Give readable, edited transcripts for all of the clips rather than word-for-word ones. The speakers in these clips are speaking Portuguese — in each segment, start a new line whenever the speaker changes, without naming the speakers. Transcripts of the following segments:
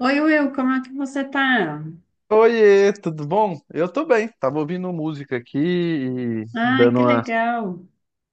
Oi, Will, como é que você tá?
Oiê, tudo bom? Eu tô bem. Tava ouvindo música aqui e
Ah,
dando
que
uma,
legal.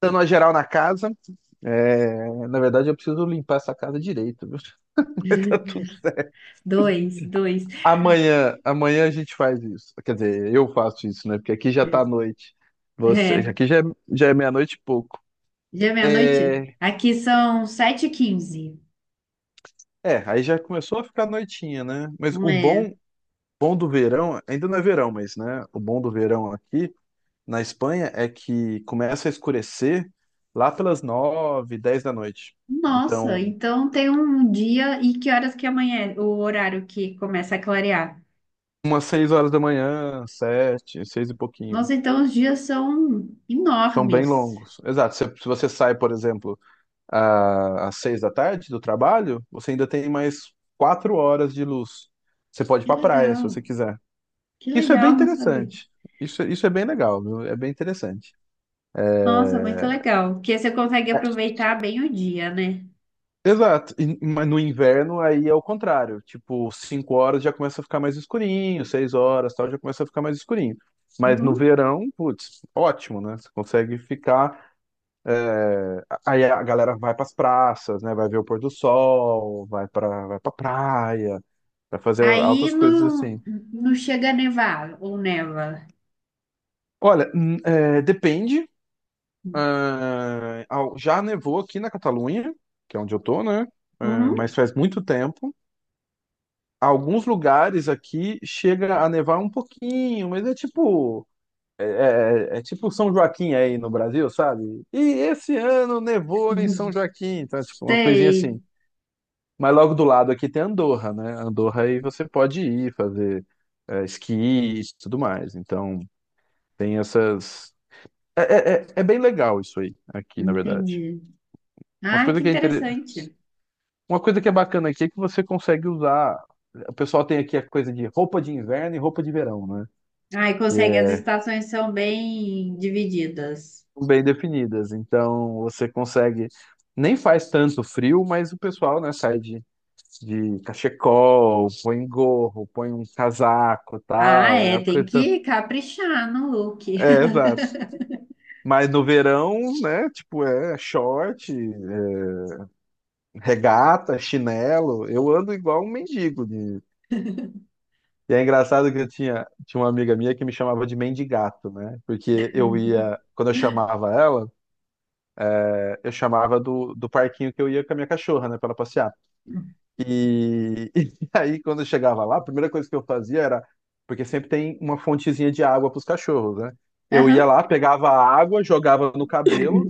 dando uma geral na casa. É, na verdade, eu preciso limpar essa casa direito, viu? Tá tudo-
Dois, dois.
Amanhã, amanhã a gente faz isso. Quer dizer, eu faço isso, né? Porque aqui já tá noite. Você,
É,
aqui já é meia-noite e pouco.
já é meia-noite?
É,
Aqui são sete h 15.
é, aí já começou a ficar noitinha, né? Mas o
É.
bom, bom do verão, ainda não é verão, mas, né? O bom do verão aqui na Espanha é que começa a escurecer lá pelas nove, dez da noite.
Nossa,
Então,
então tem um dia e que horas que amanhã, o horário que começa a clarear?
umas seis horas da manhã, sete, seis e pouquinho.
Nossa, então os dias são
São bem
enormes.
longos. Exato. Se você sai, por exemplo, às seis da tarde do trabalho, você ainda tem mais 4 horas de luz. Você pode ir
Que
pra praia, se você
legal,
quiser.
que
Isso é bem
legal, não sabia.
interessante. Isso é bem legal, viu? É bem interessante.
Nossa, muito legal, porque você consegue aproveitar bem o dia, né?
Exato, mas no inverno aí é o contrário, tipo, 5 horas já começa a ficar mais escurinho, 6 horas, tal, já começa a ficar mais escurinho. Mas no
Uhum.
verão, putz, ótimo, né? Você consegue ficar, aí a galera vai para as praças, né? Vai ver o pôr do sol, vai para praia, vai fazer
Aí
altas coisas
não,
assim.
não chega a nevar ou neva.
Olha, é, depende. Já nevou aqui na Catalunha, que é onde eu tô, né? É, mas
Uhum.
faz muito tempo. Alguns lugares aqui chega a nevar um pouquinho, mas é tipo. É tipo São Joaquim aí no Brasil, sabe? E esse ano nevou em São Joaquim, então é tipo uma coisinha
Sei,
assim. Mas logo do lado aqui tem Andorra, né? Andorra aí você pode ir fazer esqui e tudo mais. Então tem essas. É bem legal isso aí, aqui, na verdade.
entendi.
Uma
Ah,
coisa
que
que é inter...
interessante.
uma coisa que é bacana aqui é que você consegue usar. O pessoal tem aqui a coisa de roupa de inverno e roupa de verão, né?
Ah, e
Que
consegue, as
é
estações são bem divididas.
bem definidas. Então você consegue. Nem faz tanto frio, mas o pessoal, né, sai de cachecol, põe um gorro, põe um casaco, e
Ah,
tal, é
é,
a
tem
coisa.
que caprichar no look.
É, exato. Mas no verão, né, tipo, é short, é regata, chinelo, eu ando igual um mendigo de, e é engraçado que eu tinha uma amiga minha que me chamava de mendigato, né? Porque eu ia, quando eu chamava ela, eu chamava do parquinho que eu ia com a minha cachorra, né? Pra ela passear. E, e aí, quando eu chegava lá, a primeira coisa que eu fazia era. Porque sempre tem uma fontezinha de água para os cachorros, né? Eu ia
Aham,
lá, pegava a água, jogava no cabelo,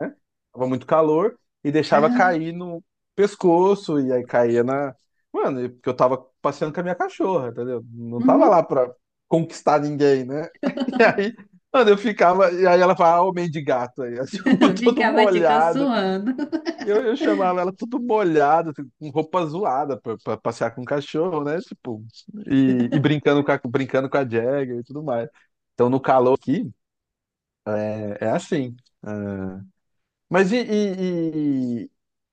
né? Tava muito calor, e deixava
aham,
cair no pescoço, e aí caía na. Mano, porque eu tava passeando com a minha cachorra, entendeu? Não tava lá
uhum.
pra conquistar ninguém, né? E aí, mano, eu ficava. E aí ela falava, ah, homem de gato aí. assim, todo
Ficava te
molhado.
caçoando.
E eu chamava ela tudo molhada, assim, com roupa zoada pra passear com o cachorro, né? Tipo, e brincando com a Jagger e tudo mais. Então, no calor aqui, é assim. É. Mas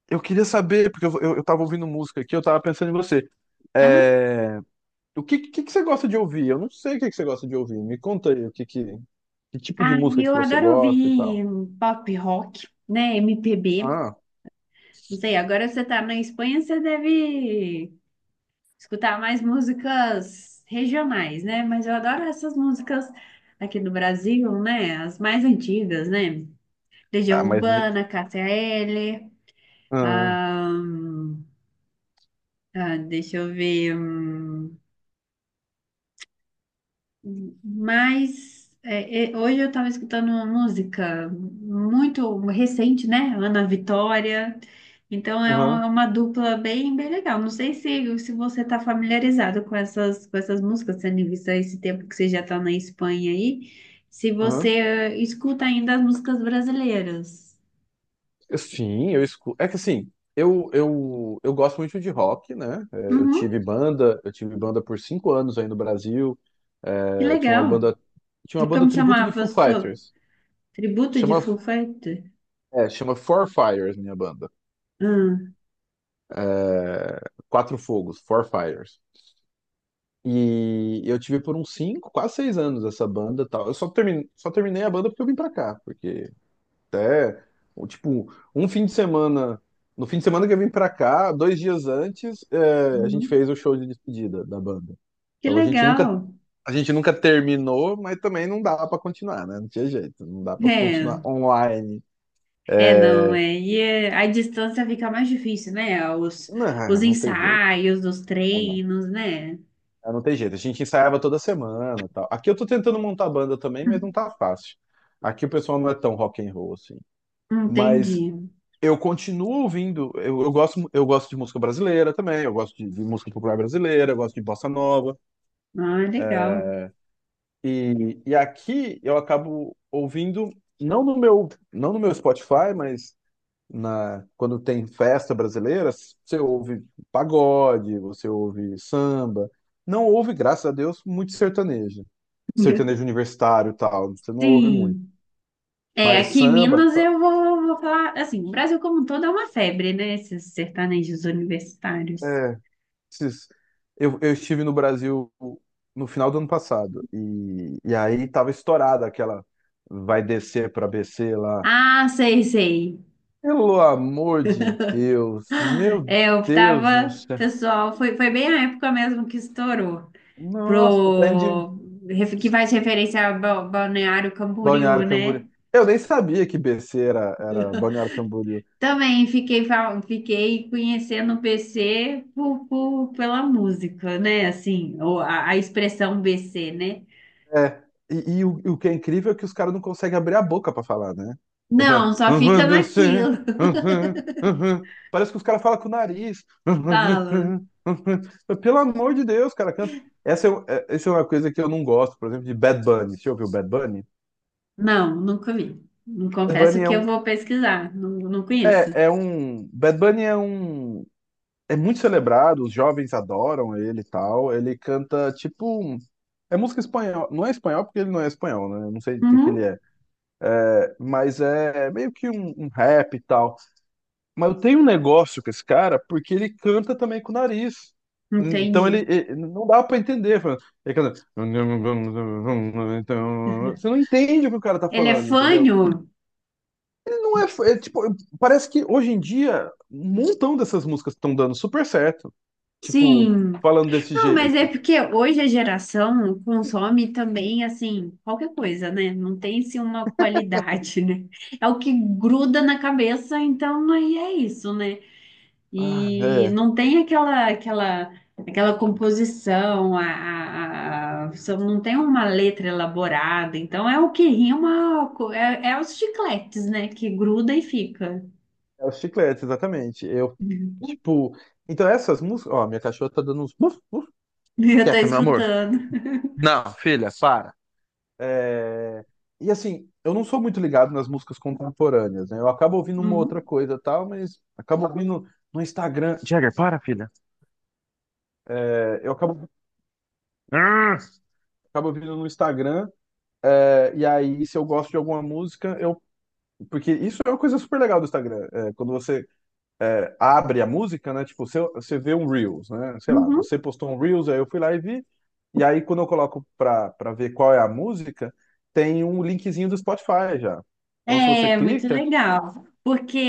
eu queria saber, porque eu tava ouvindo música aqui, eu tava pensando em você.
Aham.
É, o que, que você gosta de ouvir? Eu não sei o que, que você gosta de ouvir. Me conta aí o que, que tipo
Ah,
de música que
eu
você
adoro
gosta e
ouvir
tal.
pop rock, né, MPB.
Ah,
Não sei, agora você tá na Espanha, você deve escutar mais músicas regionais, né? Mas eu adoro essas músicas aqui do Brasil, né? As mais antigas, né?
ah
Legião
mas me.
Urbana, Cássia Eller,
Ah,
ahn, ah, deixa eu ver. Hum, mas é, hoje eu estava escutando uma música muito recente, né? Ana Vitória. Então é um- é
aham,
uma dupla bem, bem legal. Não sei se você está familiarizado com essas, músicas, tendo em vista esse tempo que você já está na Espanha aí, se você
aham.
escuta ainda as músicas brasileiras.
Sim, eu escuto. É que assim, eu gosto muito de rock, né? É, Eu
Uhum,
tive banda, eu tive banda por 5 anos aí no Brasil.
que
É, eu tinha uma
legal.
banda, tinha
E
uma banda
como
tributo de
chamava?
Foo
Sou
Fighters.
tributo de
Chama,
Foo Fighters?
chama Four Fires, minha banda.
Ah,
É, Quatro Fogos, Four Fires. E eu tive por uns cinco, quase seis anos essa banda e tal. Eu só terminei a banda porque eu vim pra cá, porque até, ou, tipo, um fim de semana. No fim de semana que eu vim pra cá, 2 dias antes, a gente
uhum,
fez o show de despedida da banda.
que
Então a gente nunca,
legal.
a gente nunca terminou, mas também não dá pra continuar, né? Não tinha jeito, não dá pra continuar
É.
online.
É, não,
É,
é. E é, a distância fica mais difícil, né? Os
não, não tem jeito.
ensaios, os
Ah, não,
treinos, né?
ah, não tem jeito. A gente ensaiava toda semana, e tal. Aqui eu tô tentando montar banda também, mas não tá fácil. Aqui o pessoal não é tão rock and roll assim.
Entendi.
Mas eu continuo ouvindo, eu gosto de música brasileira também, eu gosto de música popular brasileira, eu gosto de bossa nova.
Ah, legal.
E aqui eu acabo ouvindo, não no meu Spotify, mas na, quando tem festa brasileira, você ouve pagode, você ouve samba. Não ouve, graças a Deus, muito sertanejo. Sertanejo universitário e tal, você não ouve muito.
Sim. É,
Mas
aqui em
samba,
Minas
tá,
eu vou falar, assim, o Brasil como um todo é uma febre, né? Esses sertanejos universitários.
é, esses- Eu estive no Brasil no final do ano passado e aí tava estourada aquela vai descer para BC lá.
Ah, sei, sei.
Pelo amor de Deus, meu
É, eu
Deus do
tava,
céu.
pessoal, foi bem a época mesmo que estourou.
Nossa, tá indo de
Pro, que faz referência ao Balneário Camboriú,
Balneário Camboriú.
né?
Eu nem sabia que BC era Balneário Camboriú.
Também fiquei, fiquei conhecendo o BC pela música, né? Assim, ou a expressão BC, né?
É. E o que é incrível é que os caras não conseguem abrir a boca pra falar, né? Ele
Não,
fala.
só fica
"Uhum, descer,
naquilo.
uhum, uhum." Parece que os caras falam com o nariz. "Uhum, descer,
Fala.
uhum." Pelo amor de Deus, cara, canta. Essa é uma coisa que eu não gosto, por exemplo, de Bad Bunny. Você ouviu Bad Bunny?
Não, nunca vi. Não
Bad
confesso
Bunny é
que eu
um.
vou pesquisar. Não, não conheço.
É, é um. Bad Bunny é um. É muito celebrado, os jovens adoram ele e tal. Ele canta tipo. É música espanhol. Não é espanhol porque ele não é espanhol, né? Eu não sei o que que ele
Uhum,
é. É, mas é meio que um rap e tal. Mas eu tenho um negócio com esse cara porque ele canta também com o nariz. Então
entendi.
não dá pra entender. Ele canta. Então, você não entende o que o cara tá
Ele é
falando, entendeu?
fanho?
Ele não é, é tipo, parece que hoje em dia um montão dessas músicas estão dando super certo. Tipo,
Sim.
falando desse
Não, mas é
jeito.
porque hoje a geração consome também, assim, qualquer coisa, né? Não tem, assim, uma qualidade, né? É o que gruda na cabeça, então aí é isso, né?
Ah,
E
é.
não tem aquela composição, só não tem uma letra elaborada, então é o que rima, é os chicletes, né? Que gruda e fica.
É os chicletes, exatamente. Eu, tipo, então essas músicas, ó, minha cachorra tá dando uns buf, buf,
Eu tô
quieta, meu amor.
escutando.
Não, filha, para. É, e assim, eu não sou muito ligado nas músicas contemporâneas, né? Eu acabo ouvindo uma outra
Uhum,
coisa e tal, mas acabo ouvindo no Instagram. Jagger, para, filha. É, eu acabo, ah! Acabo ouvindo no Instagram. E aí, se eu gosto de alguma música, eu. Porque isso é uma coisa super legal do Instagram. Quando você abre a música, né? Tipo, você vê um Reels, né? Sei lá,
uhum.
você postou um Reels, aí eu fui lá e vi. E aí, quando eu coloco pra ver qual é a música, tem um linkzinho do Spotify já. Então, se você
É muito
clica,
legal,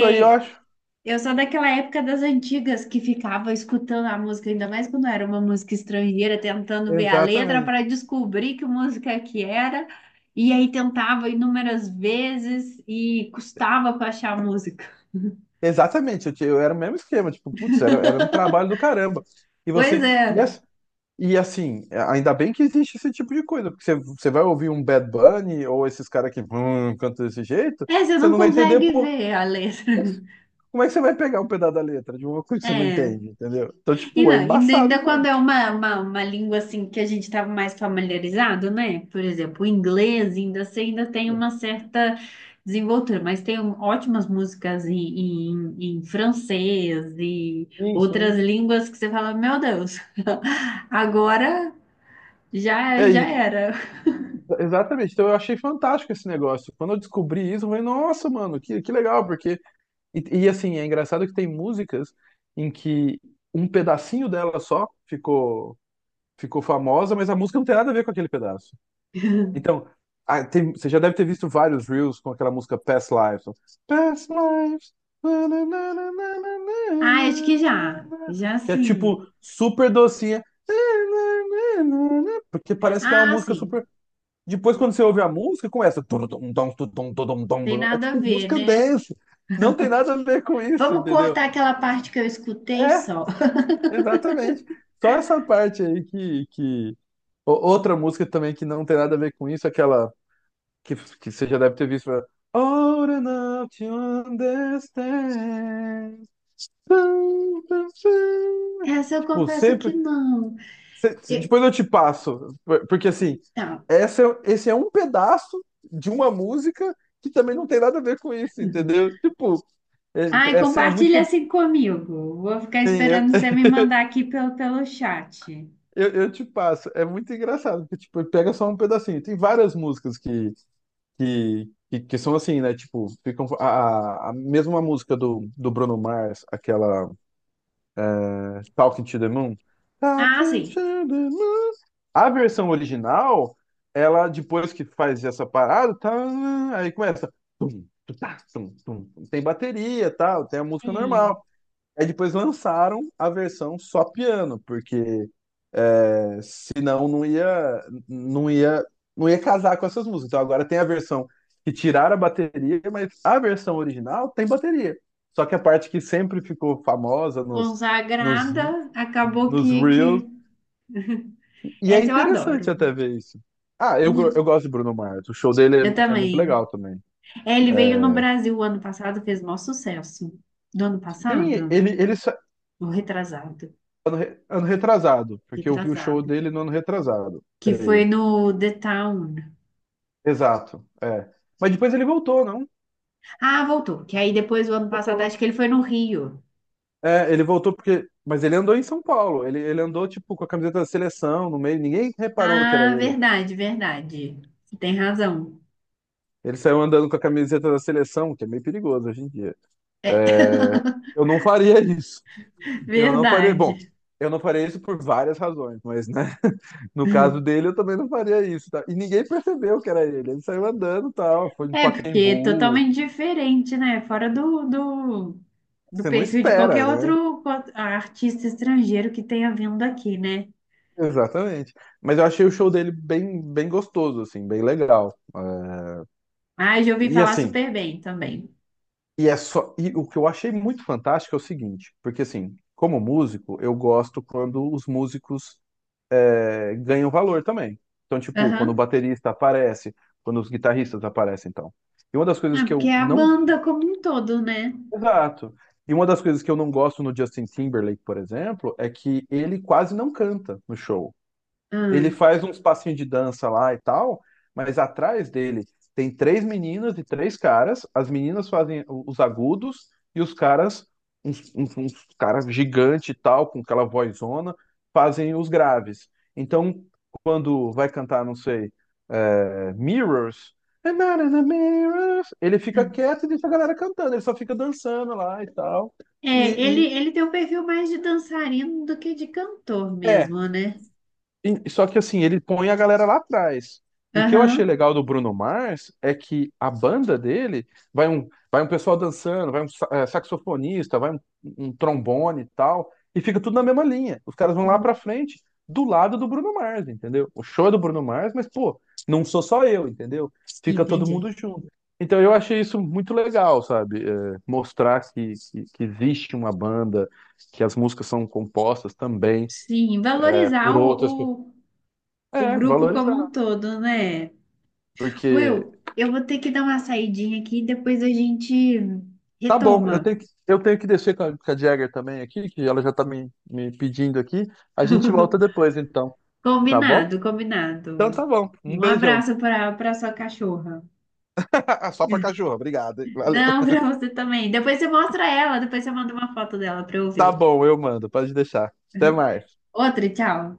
isso aí eu acho.
eu sou daquela época das antigas que ficava escutando a música, ainda mais quando era uma música estrangeira, tentando ver a letra
Exatamente.
para descobrir que música que era, e aí tentava inúmeras vezes e custava para achar a música.
Exatamente, eu era o mesmo esquema, tipo, putz, era um trabalho do caramba. E
Pois
você.
é,
E assim, ainda bem que existe esse tipo de coisa, porque você vai ouvir um Bad Bunny ou esses caras que cantam desse jeito,
é, você
você
não
não vai entender.
consegue ver a letra.
Como é que você vai pegar um pedaço da letra de uma coisa que você não
É.
entende, entendeu? Então,
E
tipo,
não,
é
ainda,
embaçado,
ainda quando
mano.
é uma língua assim que a gente estava mais familiarizado, né? Por exemplo, o inglês ainda assim, ainda tem uma certa desenvoltura, mas tem um- ótimas músicas em francês e
Sim,
outras
sim.
línguas que você fala, meu Deus, agora já,
É,
já era.
exatamente. Então eu achei fantástico esse negócio. Quando eu descobri isso, eu falei, nossa, mano, que legal, porque. E, assim, é engraçado que tem músicas em que um pedacinho dela só ficou famosa, mas a música não tem nada a ver com aquele pedaço. Então, você já deve ter visto vários Reels com aquela música Past Lives. Past Lives. Na, na, na, na, na, na,
Ah, acho que
na, na,
já.
na,
Já
que é
sim.
tipo super docinha. Na, na, na, na, na, porque parece que é uma
Ah,
música
sim.
super. Depois, quando você ouve a música, começa. Tum, tum, tum, tum, tum, tum, tum,
Tem
tum. É
nada a
tipo
ver,
música
né?
dance. Não tem nada a ver com isso,
Vamos
entendeu?
cortar aquela parte que eu escutei
É,
só.
exatamente. Só essa parte aí que... Outra música também que não tem nada a ver com isso, aquela. Que você já deve ter visto, né? Old enough to understand.
Essa eu
Tipo,
confesso que
sempre.
não. Eu,
Depois eu te passo. Porque assim,
Tá.
essa, é- esse é um pedaço de uma música que também não tem nada a ver com isso,
Uhum.
entendeu? Tipo,
Ai,
essa é
compartilha
muito.
assim comigo. Vou ficar
Eu,
esperando você me mandar aqui pelo chat.
eu te passo. É muito engraçado, porque tipo, pega só um pedacinho. Tem várias músicas que são assim, né? Tipo, ficam a mesma música do Bruno Mars, aquela Talking to the Moon.
Ah,
Talking to
sim.
the Moon. A versão original, ela depois que faz essa parada, tá, aí começa. Tum, tutá, tum, tum, tum. Tem bateria, tal, tem a música
Sim.
normal. Aí depois lançaram a versão só piano, porque eh, senão não ia casar com essas músicas. Então agora tem a versão que tiraram a bateria, mas a versão original tem bateria. Só que a parte que sempre ficou famosa nos,
Consagrada, acabou
nos Reels.
que...
E é
Essa eu
interessante
adoro.
até ver isso. Ah, eu
Muito.
gosto de Bruno Mars. O show dele
Eu
é muito
também.
legal também.
É, ele veio no
É,
Brasil o ano passado, fez maior sucesso. Do ano
sim,
passado?
ele
Ou retrasado?
ano retrasado, porque eu vi o show
Retrasado.
dele no ano retrasado,
Que foi
creio.
no The Town.
Exato, é. Mas depois ele voltou, não?
Ah, voltou. Que aí depois do ano passado,
Voltou.
acho que ele foi no Rio.
É, ele voltou porque. Mas ele andou em São Paulo. Ele andou, tipo, com a camiseta da seleção no meio. Ninguém reparou que era
Ah,
ele.
verdade, verdade. Você tem razão.
Ele saiu andando com a camiseta da seleção, que é meio perigoso hoje em dia.
É,
É, eu não faria isso. Eu não faria. Bom,
verdade.
eu não faria isso por várias razões, mas, né? No caso dele, eu também não faria isso, tá? E ninguém percebeu que era ele. Ele saiu andando e tal. Foi no
É, porque é
Pacaembu.
totalmente diferente, né? Fora do
Você não
perfil de
espera,
qualquer
né?
outro co- artista estrangeiro que tenha vindo aqui, né?
Exatamente. Mas eu achei o show dele bem, bem gostoso, assim, bem legal. É,
Ah, já ouvi
e
falar
assim.
super bem também.
E é só. E o que eu achei muito fantástico é o seguinte, porque assim, como músico, eu gosto quando os músicos ganham valor também. Então, tipo, quando o
Aham.
baterista aparece, quando os guitarristas aparecem, então. E uma das coisas
Ah,
que
porque
eu
é a
não.
banda como um todo, né?
Exato. E uma das coisas que eu não gosto no Justin Timberlake, por exemplo, é que ele quase não canta no show. Ele
Ah.
faz uns passinhos de dança lá e tal, mas atrás dele tem três meninas e três caras. As meninas fazem os agudos e os caras, uns caras gigante e tal, com aquela vozona, fazem os graves. Então, quando vai cantar, não sei, é, Mirrors, I'm not in the mirrors, ele fica
Ah.
quieto e deixa a galera cantando, ele só fica dançando lá e tal.
É, ele,
E, e-
ele tem um perfil mais de dançarino do que de cantor
é,
mesmo, né?
Só que assim, ele põe a galera lá atrás. E o que eu achei
Aham.
legal do Bruno Mars é que a banda dele vai um pessoal dançando, vai um saxofonista, vai um, um trombone e tal, e fica tudo na mesma linha. Os caras vão lá
Uhum.
pra frente, do lado do Bruno Mars, entendeu? O show é do Bruno Mars, mas pô, não sou só eu, entendeu? Fica todo
Entendi.
mundo junto. Então eu achei isso muito legal, sabe? Mostrar que, que existe uma banda, que as músicas são compostas também
Sim,
por
valorizar
outras
o,
pessoas
o, o grupo como
valorizar.
um todo, né?
Porque
Will, eu vou ter que dar uma saidinha aqui e depois a gente
tá bom,
retoma.
eu tenho que descer com a Jagger também aqui, que ela já tá me pedindo aqui. A gente volta depois, então. Tá bom?
Combinado,
Então
combinado.
tá bom. Um
Um
beijão.
abraço para sua cachorra.
Só pra cachorro, obrigado. Hein? Valeu.
Não, para você também. Depois você mostra ela, depois você manda uma foto dela para eu
Tá
ver.
bom, eu mando. Pode deixar. Até mais.
Outra, tchau.